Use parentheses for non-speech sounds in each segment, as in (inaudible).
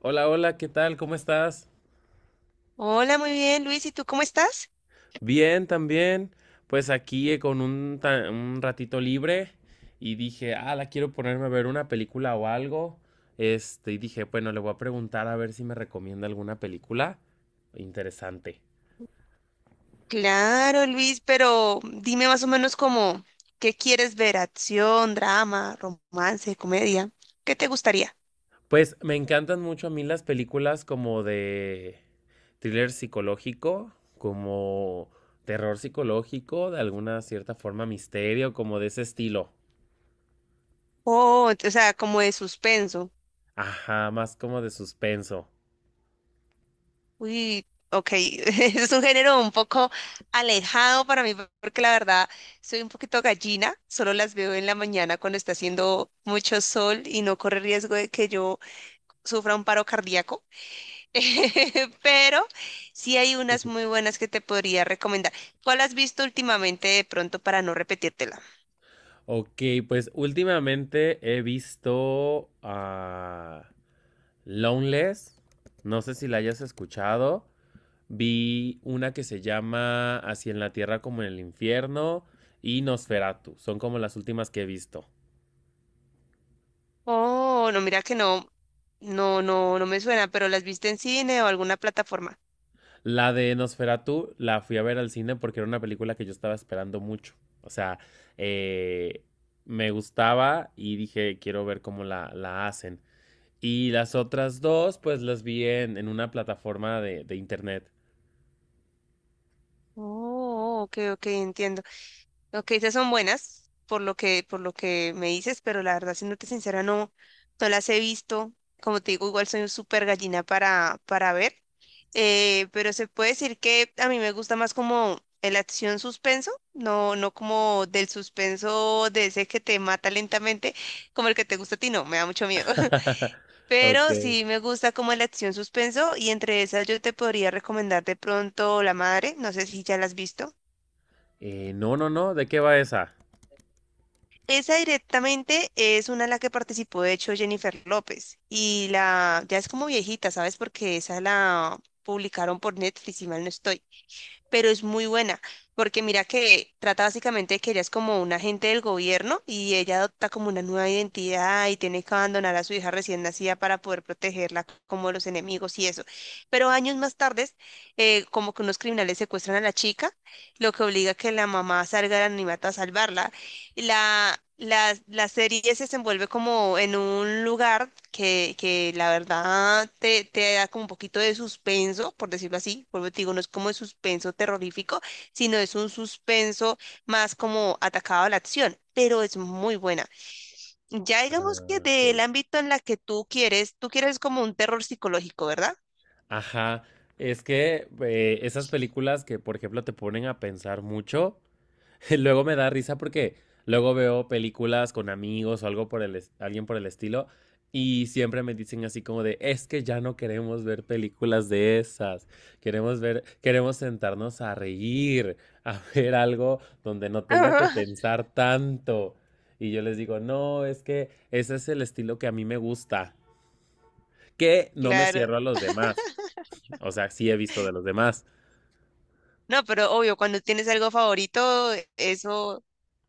Hola, hola, ¿qué tal? ¿Cómo estás? Hola, muy bien, Luis. ¿Y tú cómo estás? Bien, también. Pues aquí con un ratito libre y dije, ah, la quiero ponerme a ver una película o algo. Este, y dije, bueno, le voy a preguntar a ver si me recomienda alguna película interesante. Claro, Luis, pero dime más o menos como, ¿qué quieres ver? ¿Acción, drama, romance, comedia? ¿Qué te gustaría? Pues me encantan mucho a mí las películas como de thriller psicológico, como terror psicológico, de alguna cierta forma misterio, como de ese estilo. O sea, como de suspenso. Ajá, más como de suspenso. Uy, ok, (laughs) es un género un poco alejado para mí porque la verdad soy un poquito gallina, solo las veo en la mañana cuando está haciendo mucho sol y no corre riesgo de que yo sufra un paro cardíaco, (laughs) pero sí hay unas muy buenas que te podría recomendar. ¿Cuál has visto últimamente de pronto para no repetírtela? Ok, pues últimamente he visto a Loveless, no sé si la hayas escuchado, vi una que se llama Así en la Tierra como en el Infierno y Nosferatu, son como las últimas que he visto. Oh, no, mira que no, no, no, no me suena, pero ¿las viste en cine o alguna plataforma? La de Nosferatu la fui a ver al cine porque era una película que yo estaba esperando mucho, o sea, eh, me gustaba y dije, quiero ver cómo la hacen. Y las otras dos, pues las vi en una plataforma de internet. Oh, ok, ok, entiendo. Lo que dices son buenas, por lo que me dices, pero la verdad, siéndote sincera, no, no las he visto. Como te digo, igual soy un súper gallina para ver. Pero se puede decir que a mí me gusta más como el acción suspenso, no, no como del suspenso de ese que te mata lentamente, como el que te gusta a ti, no, me da mucho miedo. (laughs) (laughs) Pero Ok. sí me gusta como la acción suspenso, y entre esas yo te podría recomendar de pronto La Madre, no sé si ya la has visto. No, ¿de qué va esa? Esa directamente es una en la que participó, de hecho, Jennifer López. Y la ya es como viejita, ¿sabes? Porque esa la publicaron por Netflix, si mal no estoy. Pero es muy buena, porque mira que trata básicamente de que ella es como un agente del gobierno y ella adopta como una nueva identidad y tiene que abandonar a su hija recién nacida para poder protegerla como de los enemigos y eso. Pero años más tarde, como que unos criminales secuestran a la chica, lo que obliga a que la mamá salga del anonimato a salvarla. La serie se desenvuelve como en un lugar que la verdad te da como un poquito de suspenso, por decirlo así. Vuelvo y te digo, no es como de suspenso terrorífico, sino es un suspenso más como atacado a la acción, pero es muy buena. Ya digamos que Ah, ok. del ámbito en la que tú quieres como un terror psicológico, ¿verdad? Ajá, es que esas películas que, por ejemplo, te ponen a pensar mucho. (laughs) Luego me da risa porque luego veo películas con amigos o algo por alguien por el estilo y siempre me dicen así como de, es que ya no queremos ver películas de esas, queremos ver, queremos sentarnos a reír, a (laughs) ver algo donde no tenga que (laughs) pensar tanto. Y yo les digo, no, es que ese es el estilo que a mí me gusta, que no me Claro. cierro a los demás, o sea, sí he visto de los demás. No, pero obvio, cuando tienes algo favorito, eso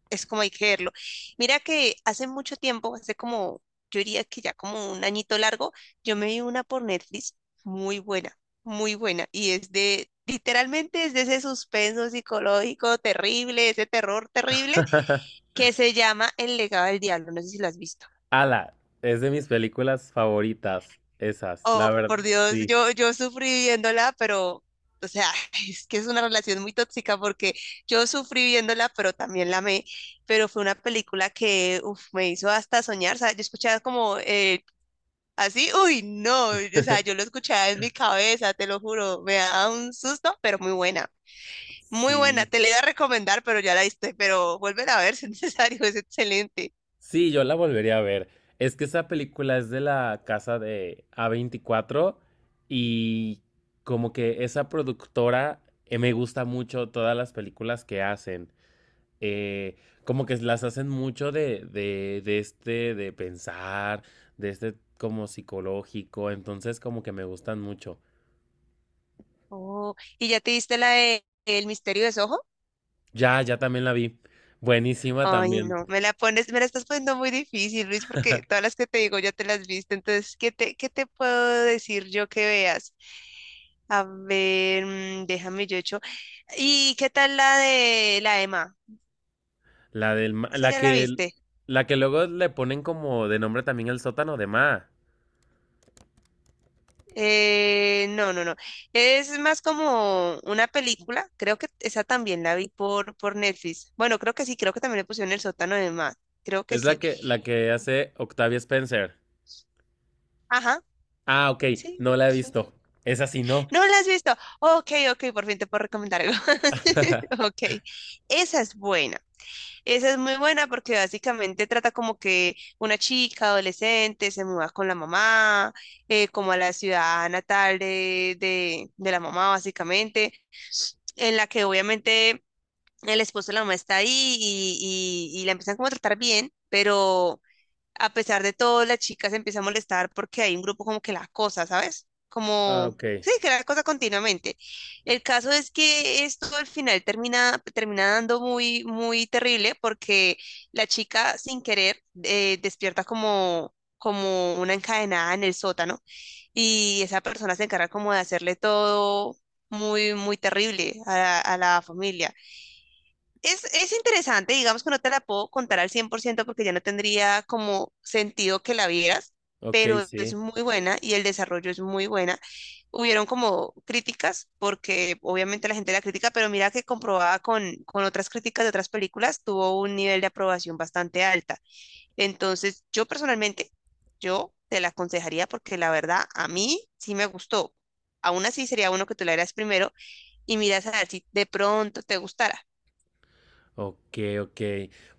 es como hay que verlo. Mira que hace mucho tiempo, hace como, yo diría que ya como un añito largo, yo me vi una por Netflix muy buena, muy buena. Y es de, literalmente es de ese suspenso psicológico terrible, ese terror terrible, (laughs) que se llama El legado del diablo. No sé si lo has visto. Ala, es de mis películas favoritas, esas, la Oh, verdad, por Dios, sí. yo sufrí viéndola, pero, o sea, (laughs) es que es una relación muy tóxica porque yo sufrí viéndola, pero también la amé, pero fue una película que, uf, me hizo hasta soñar, o sea, yo escuchaba como así, uy, no, o sea, yo lo escuchaba en mi cabeza, te lo juro, me da un susto, pero muy buena, Sí. te la iba a recomendar, pero ya la viste, pero vuelven a ver (laughs) si es necesario, es excelente. Sí, yo la volvería a ver. Es que esa película es de la casa de a veinticuatro y como que esa productora me gusta mucho todas las películas que hacen. Eh, como que las hacen mucho de este, de pensar, de este como psicológico. Entonces como que me gustan mucho. Oh, ¿y ya te viste la de El misterio de Soho? Ya, ya también la vi. Buenísima Ay, también. no, me la pones, me la estás poniendo muy difícil, Luis, porque todas las que te digo ya te las viste. Entonces, ¿qué te puedo decir yo que veas? A ver, déjame yo hecho. ¿Y qué tal la de la Emma? ¿Esa La ya la que viste? la que luego le ponen como de nombre también el sótano de Ma. No, no, no. Es más como una película. Creo que esa también la vi por Netflix. Bueno, creo que sí, creo que también le pusieron el sótano de Emma. Creo que Es sí. La que hace Octavia Spencer. Ajá, Ah, ok, sí. no la he Sí. visto. Esa sí no. No la has visto. Ok, ok, por fin te puedo recomendar algo. (laughs) (laughs) Ok, esa es buena. Esa es muy buena porque básicamente trata como que una chica adolescente se muda con la mamá, como a la ciudad natal de la mamá, básicamente, en la que obviamente el esposo de la mamá está ahí y la empiezan como a tratar bien, pero a pesar de todo, la chica se empieza a molestar porque hay un grupo como que la acosa, ¿sabes? Ah, Como, ok. sí, que la acosa continuamente. El caso es que esto al final termina dando muy, muy terrible porque la chica sin querer despierta como, como una encadenada en el sótano y esa persona se encarga como de hacerle todo muy, muy terrible a, a la familia. Es interesante, digamos que no te la puedo contar al 100% porque ya no tendría como sentido que la vieras, Ok, pero es sí. muy buena y el desarrollo es muy buena. Hubieron como críticas, porque obviamente la gente la critica, pero mira que comprobada con otras críticas de otras películas, tuvo un nivel de aprobación bastante alta. Entonces, yo personalmente, yo te la aconsejaría porque la verdad a mí sí me gustó. Aún así sería bueno que tú la vieras primero y miras a ver si de pronto te gustara. Ok, ok.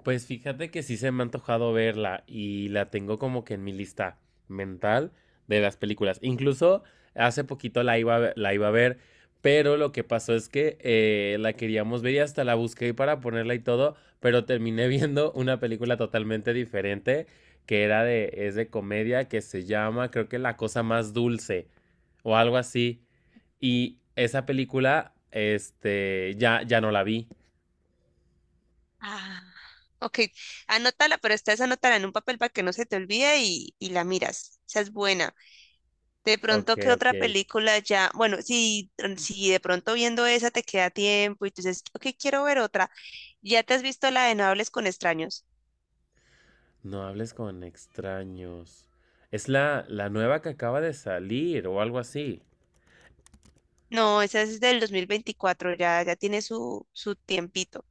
Pues fíjate que sí se me ha antojado verla y la tengo como que en mi lista mental de las películas. Incluso hace poquito la iba a ver, la iba a ver, pero lo que pasó es que la queríamos ver y hasta la busqué para ponerla y todo, pero terminé (laughs) viendo una película totalmente diferente que era de, es de comedia que se llama, creo que La cosa más dulce o algo así. Y esa película, este, ya no la vi. Ah, ok, anótala, pero esta vez anótala en un papel para que no se te olvide y la miras. Esa es buena. De Ok, pronto, ¿qué ok. otra película ya? Bueno, si, si de pronto viendo esa te queda tiempo y tú dices, ok, quiero ver otra. ¿Ya te has visto la de No hables con extraños? No hables con extraños. Es la nueva que acaba de salir o algo así. No, esa es del 2024. Ya, ya tiene su tiempito.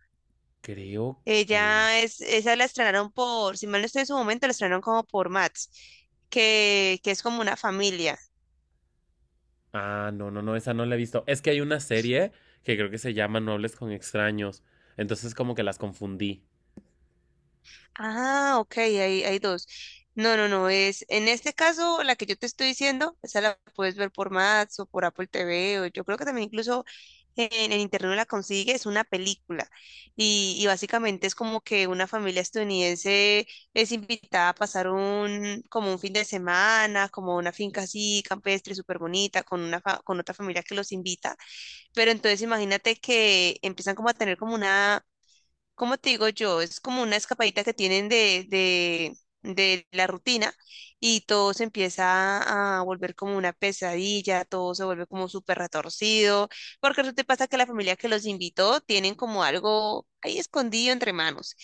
Creo que... Ella es, esa la estrenaron por, si mal no estoy en su momento, la estrenaron como por Mats, que es como una familia. Ah, no, no, no, esa no la he visto. Es que hay una serie que creo que se llama No hables con extraños. Entonces como que las confundí. Ah, ok, hay dos. No, no, no, es en este caso la que yo te estoy diciendo, esa la puedes ver por Max o por Apple TV, o yo creo que también incluso en internet la consigues, es una película. Y básicamente es como que una familia estadounidense es invitada a pasar un, como un fin de semana, como una finca así, campestre, súper bonita, con una con otra familia que los invita. Pero entonces imagínate que empiezan como a tener como una como te digo yo, es como una escapadita que tienen de la rutina y todo se empieza a volver como una pesadilla, todo se vuelve como súper retorcido, porque resulta y pasa que la familia que los invitó tienen como algo ahí escondido entre manos.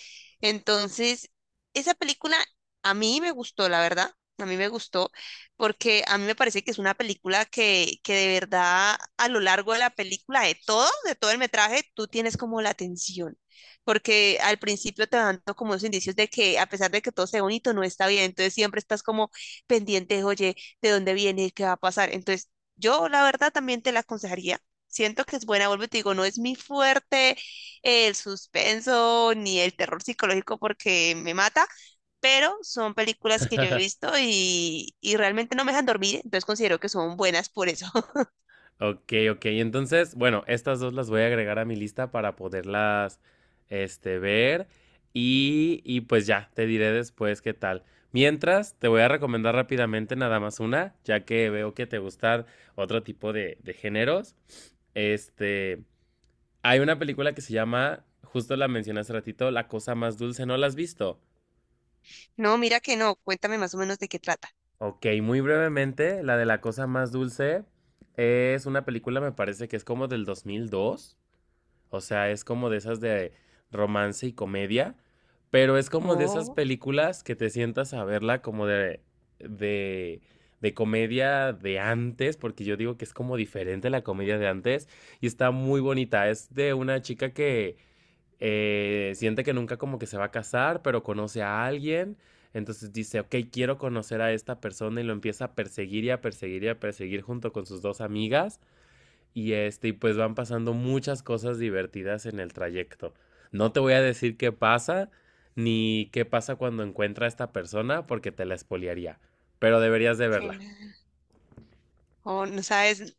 Entonces, esa película a mí me gustó, la verdad. A mí me gustó porque a mí me parece que es una película que de verdad a lo largo de la película, de todo el metraje, tú tienes como la atención porque al principio te van dando como esos indicios de que a pesar de que todo sea bonito, no está bien, entonces siempre estás como pendiente, oye, ¿de dónde viene? ¿Qué va a pasar? Entonces, yo la verdad también te la aconsejaría. Siento que es buena, vuelvo y te digo, no es mi fuerte el suspenso ni el terror psicológico porque me mata, pero son películas que yo he (laughs) visto y realmente no me dejan dormir, entonces considero que son buenas por eso. (laughs) Ok, ok. Entonces, bueno, estas dos las voy a agregar a mi lista para poderlas, este, ver. Y pues ya, te diré después qué tal. Mientras, te voy a recomendar rápidamente nada más una, ya que veo que te gustan otro tipo de géneros. Este, hay una película que se llama, justo la mencioné hace ratito, La cosa más dulce. ¿No la has visto? No, mira que no, cuéntame más o menos de qué trata. Ok, muy brevemente, la de La cosa más dulce es una película, me parece que es como del 2002. O sea, es como de esas de romance y comedia, pero es como de esas Oh, películas que te sientas a verla como de, de comedia de antes, porque yo digo que es como diferente a la comedia de antes y está muy bonita. Es de una chica que siente que nunca como que se va a casar, pero conoce a alguien. Entonces dice, ok, quiero conocer a esta persona y lo empieza a perseguir y a perseguir y a perseguir junto con sus dos amigas y este, y pues van pasando muchas cosas divertidas en el trayecto. No te voy a decir qué pasa, ni qué pasa cuando encuentra a esta persona, porque te la espoliaría. Pero deberías de verla. qué- Oh, no sabes,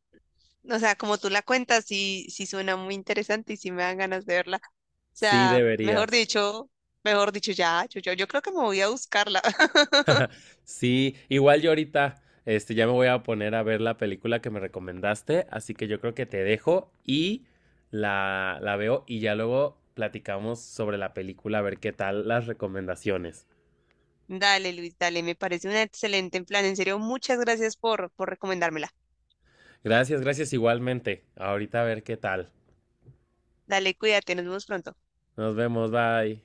o sea, como tú la cuentas, sí, sí suena muy interesante y sí me dan ganas de verla. O Sí, sea, deberías. Mejor dicho, ya, yo creo que me voy a buscarla. (laughs) Sí, igual yo ahorita, este, ya me voy a poner a ver la película que me recomendaste, así que yo creo que te dejo y la veo y ya luego platicamos sobre la película, a ver qué tal las recomendaciones. Dale, Luis, dale, me parece un excelente plan. En serio, muchas gracias por recomendármela. Gracias, gracias igualmente. Ahorita a ver qué tal. Dale, cuídate, nos vemos pronto. Nos vemos, bye.